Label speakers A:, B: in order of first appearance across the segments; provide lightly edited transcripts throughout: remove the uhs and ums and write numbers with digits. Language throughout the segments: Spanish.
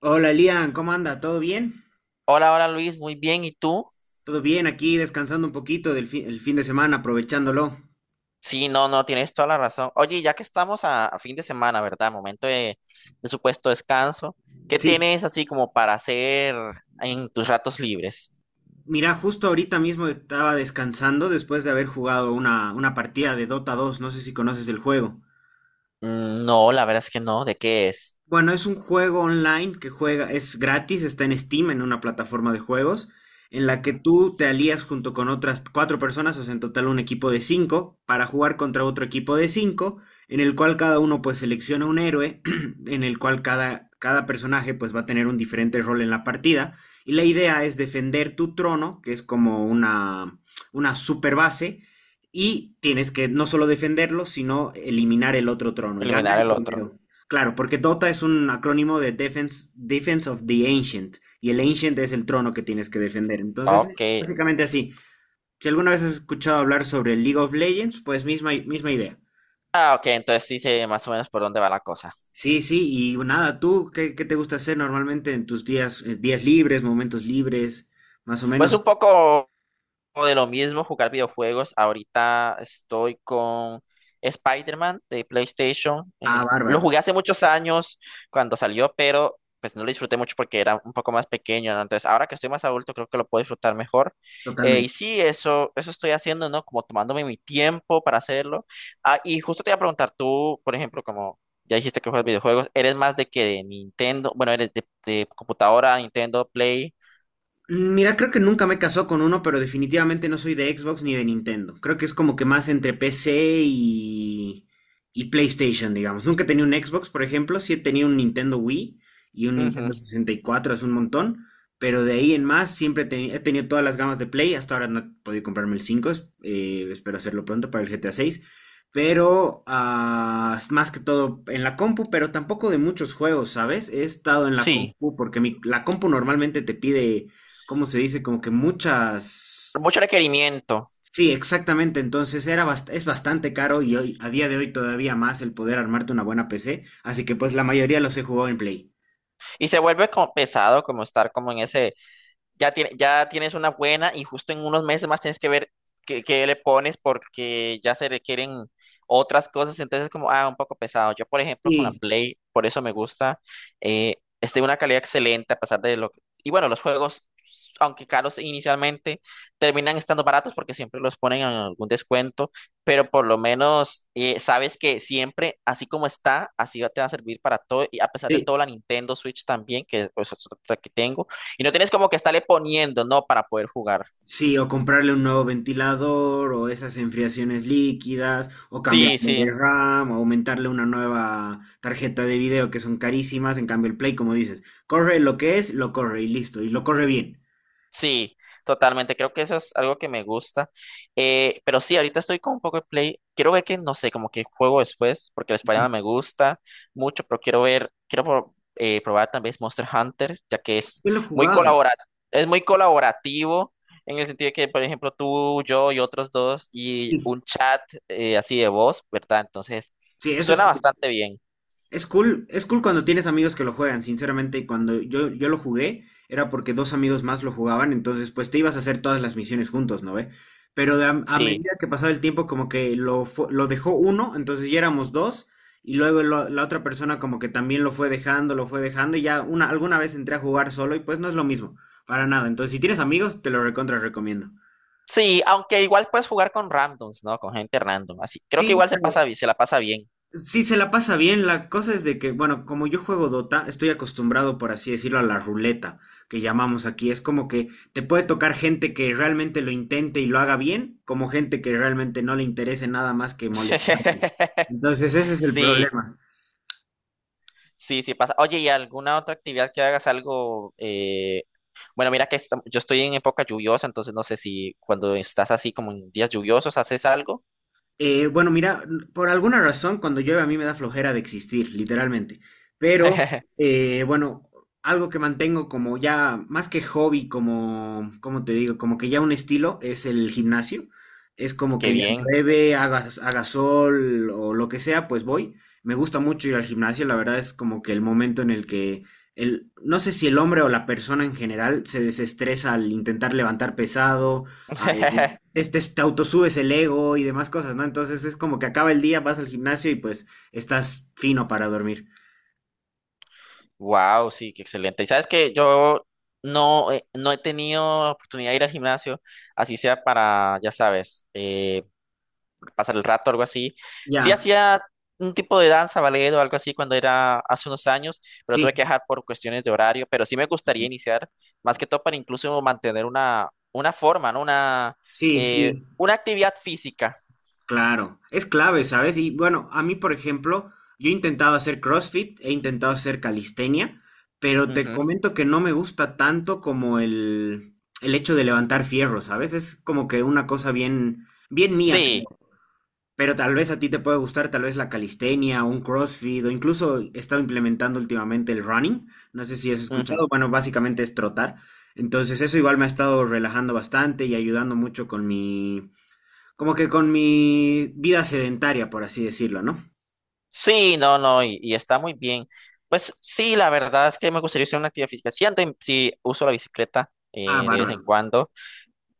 A: Hola Lian, ¿cómo anda? ¿Todo bien?
B: Hola, hola Luis, muy bien. ¿Y tú?
A: Todo bien, aquí descansando un poquito del el fin de semana, aprovechándolo.
B: Sí, no, no, tienes toda la razón. Oye, ya que estamos a fin de semana, ¿verdad? Momento de supuesto descanso. ¿Qué
A: Sí,
B: tienes así como para hacer en tus ratos libres?
A: mira, justo ahorita mismo estaba descansando después de haber jugado una partida de Dota 2. No sé si conoces el juego.
B: No, la verdad es que no. ¿De qué es?
A: Bueno, es un juego online que juega, es gratis, está en Steam, en una plataforma de juegos, en la que
B: Ujú.
A: tú te alías junto con otras cuatro personas, o sea, en total un equipo de cinco, para jugar contra otro equipo de cinco, en el cual cada uno pues selecciona un héroe, en el cual cada personaje pues va a tener un diferente rol en la partida, y la idea es defender tu trono, que es como una super base, y tienes que no solo defenderlo, sino eliminar el otro trono, y gana
B: Eliminar
A: el
B: el otro.
A: primero. Claro, porque Dota es un acrónimo de Defense of the Ancient, y el Ancient es el trono que tienes que defender. Entonces, es
B: Ok.
A: básicamente así. Si alguna vez has escuchado hablar sobre League of Legends, pues misma idea.
B: Ah, ok, entonces sí sé más o menos por dónde va la cosa.
A: Sí, sí, y nada, ¿tú qué te gusta hacer normalmente en tus días libres, momentos libres, más o
B: Pues
A: menos?
B: un poco de lo mismo, jugar videojuegos. Ahorita estoy con Spider-Man de PlayStation.
A: Ah,
B: Lo
A: bárbaro,
B: jugué hace muchos años cuando salió, pero pues no lo disfruté mucho porque era un poco más pequeño, ¿no? Entonces, ahora que estoy más adulto, creo que lo puedo disfrutar mejor. Y
A: totalmente.
B: sí, eso estoy haciendo, ¿no? Como tomándome mi tiempo para hacerlo. Ah, y justo te iba a preguntar, tú, por ejemplo, como ya dijiste que juegas videojuegos, ¿eres más de que de Nintendo? Bueno, ¿eres de computadora, Nintendo, Play?
A: Mira, creo que nunca me he casado con uno, pero definitivamente no soy de Xbox ni de Nintendo. Creo que es como que más entre PC y PlayStation, digamos. Nunca he tenido un Xbox, por ejemplo, sí he tenido un Nintendo Wii y un
B: Ujú.
A: Nintendo 64, es un montón, pero de ahí en más siempre he tenido todas las gamas de Play. Hasta ahora no he podido comprarme el 5, espero hacerlo pronto para el GTA 6. Pero más que todo en la compu, pero tampoco de muchos juegos, ¿sabes? He estado en la
B: Sí,
A: compu porque la compu normalmente te pide, ¿cómo se dice? Como que muchas...
B: mucho requerimiento.
A: Sí, exactamente. Entonces es bastante caro y hoy, a día de hoy todavía más el poder armarte una buena PC. Así que pues la mayoría los he jugado en Play.
B: Y se vuelve como pesado, como estar como en ese, ya, ya tienes una buena y justo en unos meses más tienes que ver qué, qué le pones porque ya se requieren otras cosas, entonces como, ah, un poco pesado. Yo, por ejemplo, con la
A: Sí,
B: Play, por eso me gusta, es de una calidad excelente a pesar de lo que... Y bueno, los juegos, aunque caros inicialmente, terminan estando baratos porque siempre los ponen en algún descuento, pero por lo menos sabes que siempre, así como está, te va a servir para todo, y a pesar de
A: sí,
B: todo, la Nintendo Switch también, que pues, es otra que tengo y no tienes como que estarle poniendo, ¿no? Para poder jugar.
A: sí, o comprarle un nuevo ventilador o esas enfriaciones líquidas o
B: Sí,
A: cambiarle de
B: sí,
A: RAM o aumentarle una nueva tarjeta de video que son carísimas. En cambio el Play, como dices, corre lo que es, lo corre y listo. Y lo corre bien.
B: sí, totalmente. Creo que eso es algo que me gusta. Pero sí, ahorita estoy con un poco de play. Quiero ver que, no sé, como que juego después, porque el Spider-Man me gusta mucho, pero quiero ver, probar también Monster Hunter, ya que es
A: Yo lo he
B: muy
A: jugado.
B: colabora- es muy colaborativo. En el sentido de que, por ejemplo, tú, yo y otros dos, y
A: Sí,
B: un chat así de voz, ¿verdad? Entonces,
A: sí, eso
B: suena bastante bien.
A: Es cool cuando tienes amigos que lo juegan, sinceramente, cuando yo lo jugué era porque dos amigos más lo jugaban, entonces pues te ibas a hacer todas las misiones juntos, ¿no ve? Pero de a
B: Sí.
A: medida que pasaba el tiempo como que lo dejó uno, entonces ya éramos dos, y luego la otra persona como que también lo fue dejando, y ya alguna vez entré a jugar solo y pues no es lo mismo, para nada. Entonces si tienes amigos, te lo recontra recomiendo.
B: Sí, aunque igual puedes jugar con randoms, ¿no? Con gente random, así. Creo que
A: Sí,
B: igual se la pasa bien.
A: sí, se la pasa bien. La cosa es de que, bueno, como yo juego Dota, estoy acostumbrado, por así decirlo, a la ruleta que llamamos aquí. Es como que te puede tocar gente que realmente lo intente y lo haga bien, como gente que realmente no le interese nada más que molestarte. Entonces, ese es el
B: Sí,
A: problema.
B: sí, sí pasa. Oye, ¿y alguna otra actividad que hagas algo? Bueno, mira que yo estoy en época lluviosa, entonces no sé si cuando estás así como en días lluviosos haces algo.
A: Bueno, mira, por alguna razón, cuando llueve a mí me da flojera de existir, literalmente. Pero, bueno, algo que mantengo como ya, más que hobby, como, ¿cómo te digo? Como que ya un estilo es el gimnasio. Es como
B: Qué
A: que ya
B: bien.
A: llueve, haga sol o lo que sea, pues voy. Me gusta mucho ir al gimnasio, la verdad es como que el momento en el que no sé si el hombre o la persona en general se desestresa al intentar levantar pesado, al te autosubes el ego y demás cosas, ¿no? Entonces es como que acaba el día, vas al gimnasio y pues estás fino para dormir.
B: Wow, sí, qué excelente. Y sabes que yo no, no he tenido oportunidad de ir al gimnasio, así sea para, ya sabes, pasar el rato, algo así. Sí
A: Ya,
B: hacía un tipo de danza, ballet o algo así cuando era hace unos años, pero tuve que
A: sí,
B: dejar por cuestiones de horario, pero sí me gustaría iniciar, más que todo para incluso mantener una forma, ¿no?
A: sí, sí.
B: Una actividad física.
A: Claro, es clave, ¿sabes? Y bueno, a mí, por ejemplo, yo he intentado hacer CrossFit, he intentado hacer calistenia, pero te
B: Ujú.
A: comento que no me gusta tanto como el hecho de levantar fierro, ¿sabes? Es como que una cosa bien, bien mía.
B: Sí,
A: Pero tal vez a ti te puede gustar tal vez la calistenia, un CrossFit o incluso he estado implementando últimamente el running. No sé si has
B: ujú.
A: escuchado, bueno, básicamente es trotar. Entonces eso igual me ha estado relajando bastante y ayudando mucho como que con mi vida sedentaria, por así decirlo, ¿no?
B: Sí, no, no, y está muy bien. Pues sí, la verdad es que me gustaría hacer una actividad física. Sí, sí uso la bicicleta
A: Ah,
B: de vez en
A: bárbaro.
B: cuando.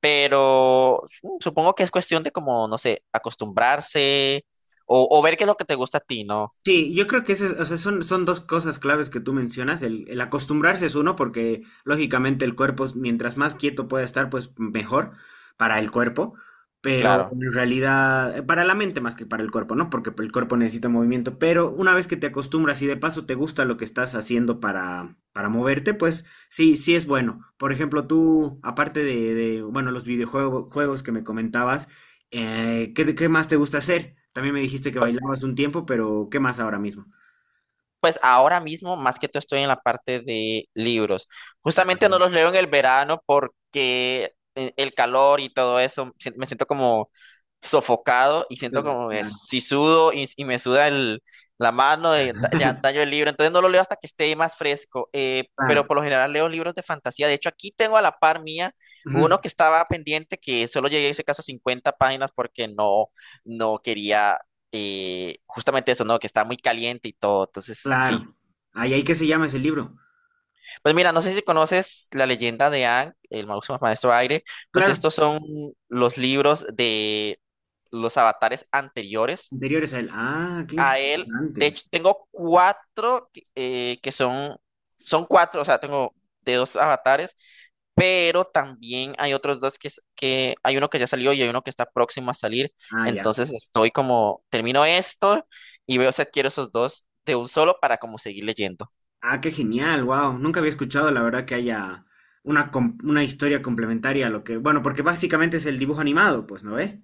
B: Pero supongo que es cuestión de como, no sé, acostumbrarse o ver qué es lo que te gusta a ti, ¿no?
A: Sí, yo creo que o sea, son dos cosas claves que tú mencionas. El acostumbrarse es uno, porque lógicamente el cuerpo, mientras más quieto pueda estar, pues mejor para el cuerpo. Pero
B: Claro.
A: en realidad, para la mente más que para el cuerpo, ¿no? Porque el cuerpo necesita movimiento. Pero una vez que te acostumbras y de paso te gusta lo que estás haciendo para, moverte, pues sí, sí es bueno. Por ejemplo, tú, aparte bueno, los videojuegos juegos que me comentabas, ¿qué más te gusta hacer? También me dijiste que bailabas un tiempo, pero ¿qué más ahora mismo?
B: Pues ahora mismo, más que todo, estoy en la parte de libros. Justamente no los leo en el verano porque el calor y todo eso, me siento como sofocado y siento como que
A: Claro,
B: si sudo y, la mano, ya daño el libro. Entonces no lo leo hasta que esté más fresco. Pero
A: claro,
B: por lo general leo libros de fantasía. De hecho, aquí tengo a la par mía
A: ujú,
B: uno que estaba pendiente, que solo llegué a ese caso a 50 páginas porque no, no quería y justamente eso, ¿no? Que está muy caliente y todo. Entonces, sí.
A: claro. Ay, ay, ¿qué se llama ese libro?
B: Pues mira, no sé si conoces la leyenda de Aang, el máximo maestro aire. Pues
A: Claro,
B: estos son los libros de los avatares anteriores
A: anteriores a él. Ah, qué
B: a él. De
A: interesante.
B: hecho, tengo cuatro que son, son cuatro, o sea, tengo de dos avatares pero también hay otros dos que hay uno que ya salió y hay uno que está próximo a salir.
A: Ah, ya.
B: Entonces estoy como, termino esto y veo si adquiero esos dos de un solo para como seguir leyendo.
A: Ah, qué genial, wow. Nunca había escuchado, la verdad, que haya una historia complementaria a lo que. Bueno, porque básicamente es el dibujo animado, pues, ¿no ves?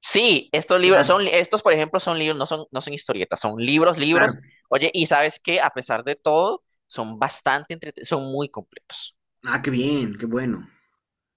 B: Sí,
A: Claro,
B: estos por ejemplo son libros, no son, no son historietas, son libros, libros.
A: claro.
B: Oye, y sabes que a pesar de todo, son bastante entretenidos, son muy completos.
A: Ah, qué bien, qué bueno.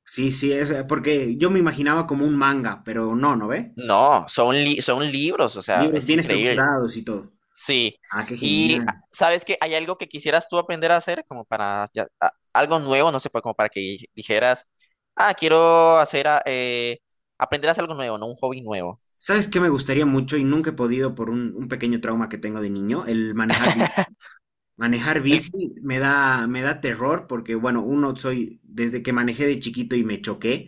A: Sí, sí, es porque yo me imaginaba como un manga, pero no, ¿no ve?
B: No, son libros, o sea,
A: Libros
B: es
A: bien
B: increíble.
A: estructurados y todo.
B: Sí,
A: Ah, qué
B: y ah,
A: genial.
B: sabes que hay algo que quisieras tú aprender a hacer, como para algo nuevo, no sé, como para que dijeras, ah, quiero hacer, aprender a hacer algo nuevo, no un hobby nuevo.
A: ¿Sabes qué me gustaría mucho y nunca he podido por un pequeño trauma que tengo de niño? El manejar bici. Manejar
B: El-
A: bici me da terror porque, bueno, uno soy, desde que manejé de chiquito y me choqué,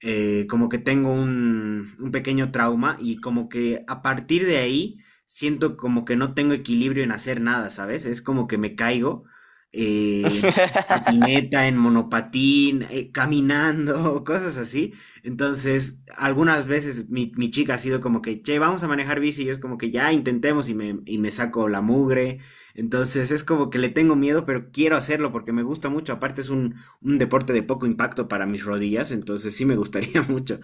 A: como que tengo un pequeño trauma y como que a partir de ahí siento como que no tengo equilibrio en hacer nada, ¿sabes? Es como que me caigo eh, en patineta, en monopatín, caminando, cosas así. Entonces, algunas veces mi chica ha sido como que, che, vamos a manejar bici, y yo es como que ya intentemos y me saco la mugre. Entonces es como que le tengo miedo, pero quiero hacerlo porque me gusta mucho. Aparte es un deporte de poco impacto para mis rodillas, entonces sí me gustaría mucho.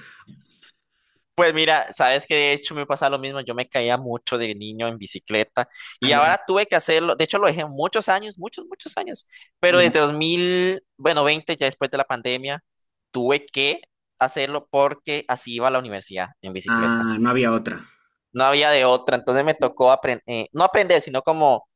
B: Pues mira, sabes que de hecho me pasa lo mismo, yo me caía mucho de niño en bicicleta
A: Ah,
B: y
A: ya,
B: ahora tuve que hacerlo, de hecho lo dejé muchos años, muchos, muchos años, pero
A: ya.
B: desde 2000 bueno, 20 ya después de la pandemia, tuve que hacerlo porque así iba a la universidad en bicicleta.
A: Ah, no había otra.
B: No había de otra, entonces me tocó aprender, no aprender, sino como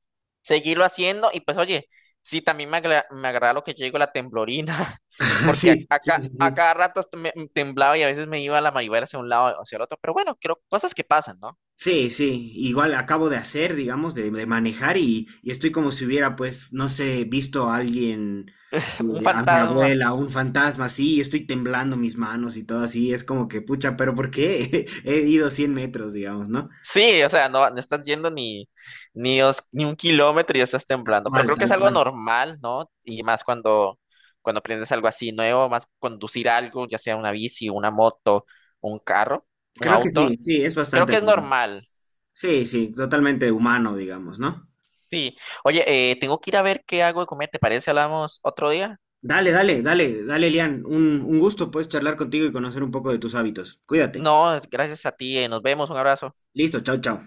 B: seguirlo haciendo y pues oye, sí, también me agrada lo que yo digo, la temblorina, porque
A: Sí, sí, sí,
B: a
A: sí.
B: cada rato esto me temblaba y a veces me iba la manivela hacia un lado o hacia el otro, pero bueno, creo cosas que pasan, ¿no?
A: Sí, sí, igual acabo de hacer, digamos, de manejar y estoy como si hubiera, pues, no sé, visto a alguien,
B: Un
A: a mi
B: fantasma.
A: abuela, un fantasma, así, y estoy temblando mis manos y todo así, es como que, pucha, pero ¿por qué? He ido 100 metros, digamos, ¿no?
B: Sí, o sea, no, no estás yendo ni, ni 1 kilómetro y ya estás
A: Tal
B: temblando. Pero
A: cual,
B: creo que es
A: tal
B: algo
A: cual.
B: normal, ¿no? Y más cuando, cuando aprendes algo así nuevo, más conducir algo, ya sea una bici, una moto, un carro, un
A: Creo que
B: auto.
A: sí, sí,
B: Entonces,
A: es
B: creo
A: bastante
B: que es
A: normal.
B: normal.
A: Sí, sí, totalmente humano, digamos, ¿no?
B: Sí. Oye, tengo que ir a ver qué hago de comer. ¿Te parece? Hablamos otro día.
A: Dale, dale, dale, dale, Lian. Un gusto, pues, charlar contigo y conocer un poco de tus hábitos. Cuídate.
B: No, gracias a ti. Nos vemos. Un abrazo.
A: Listo, chao, chao.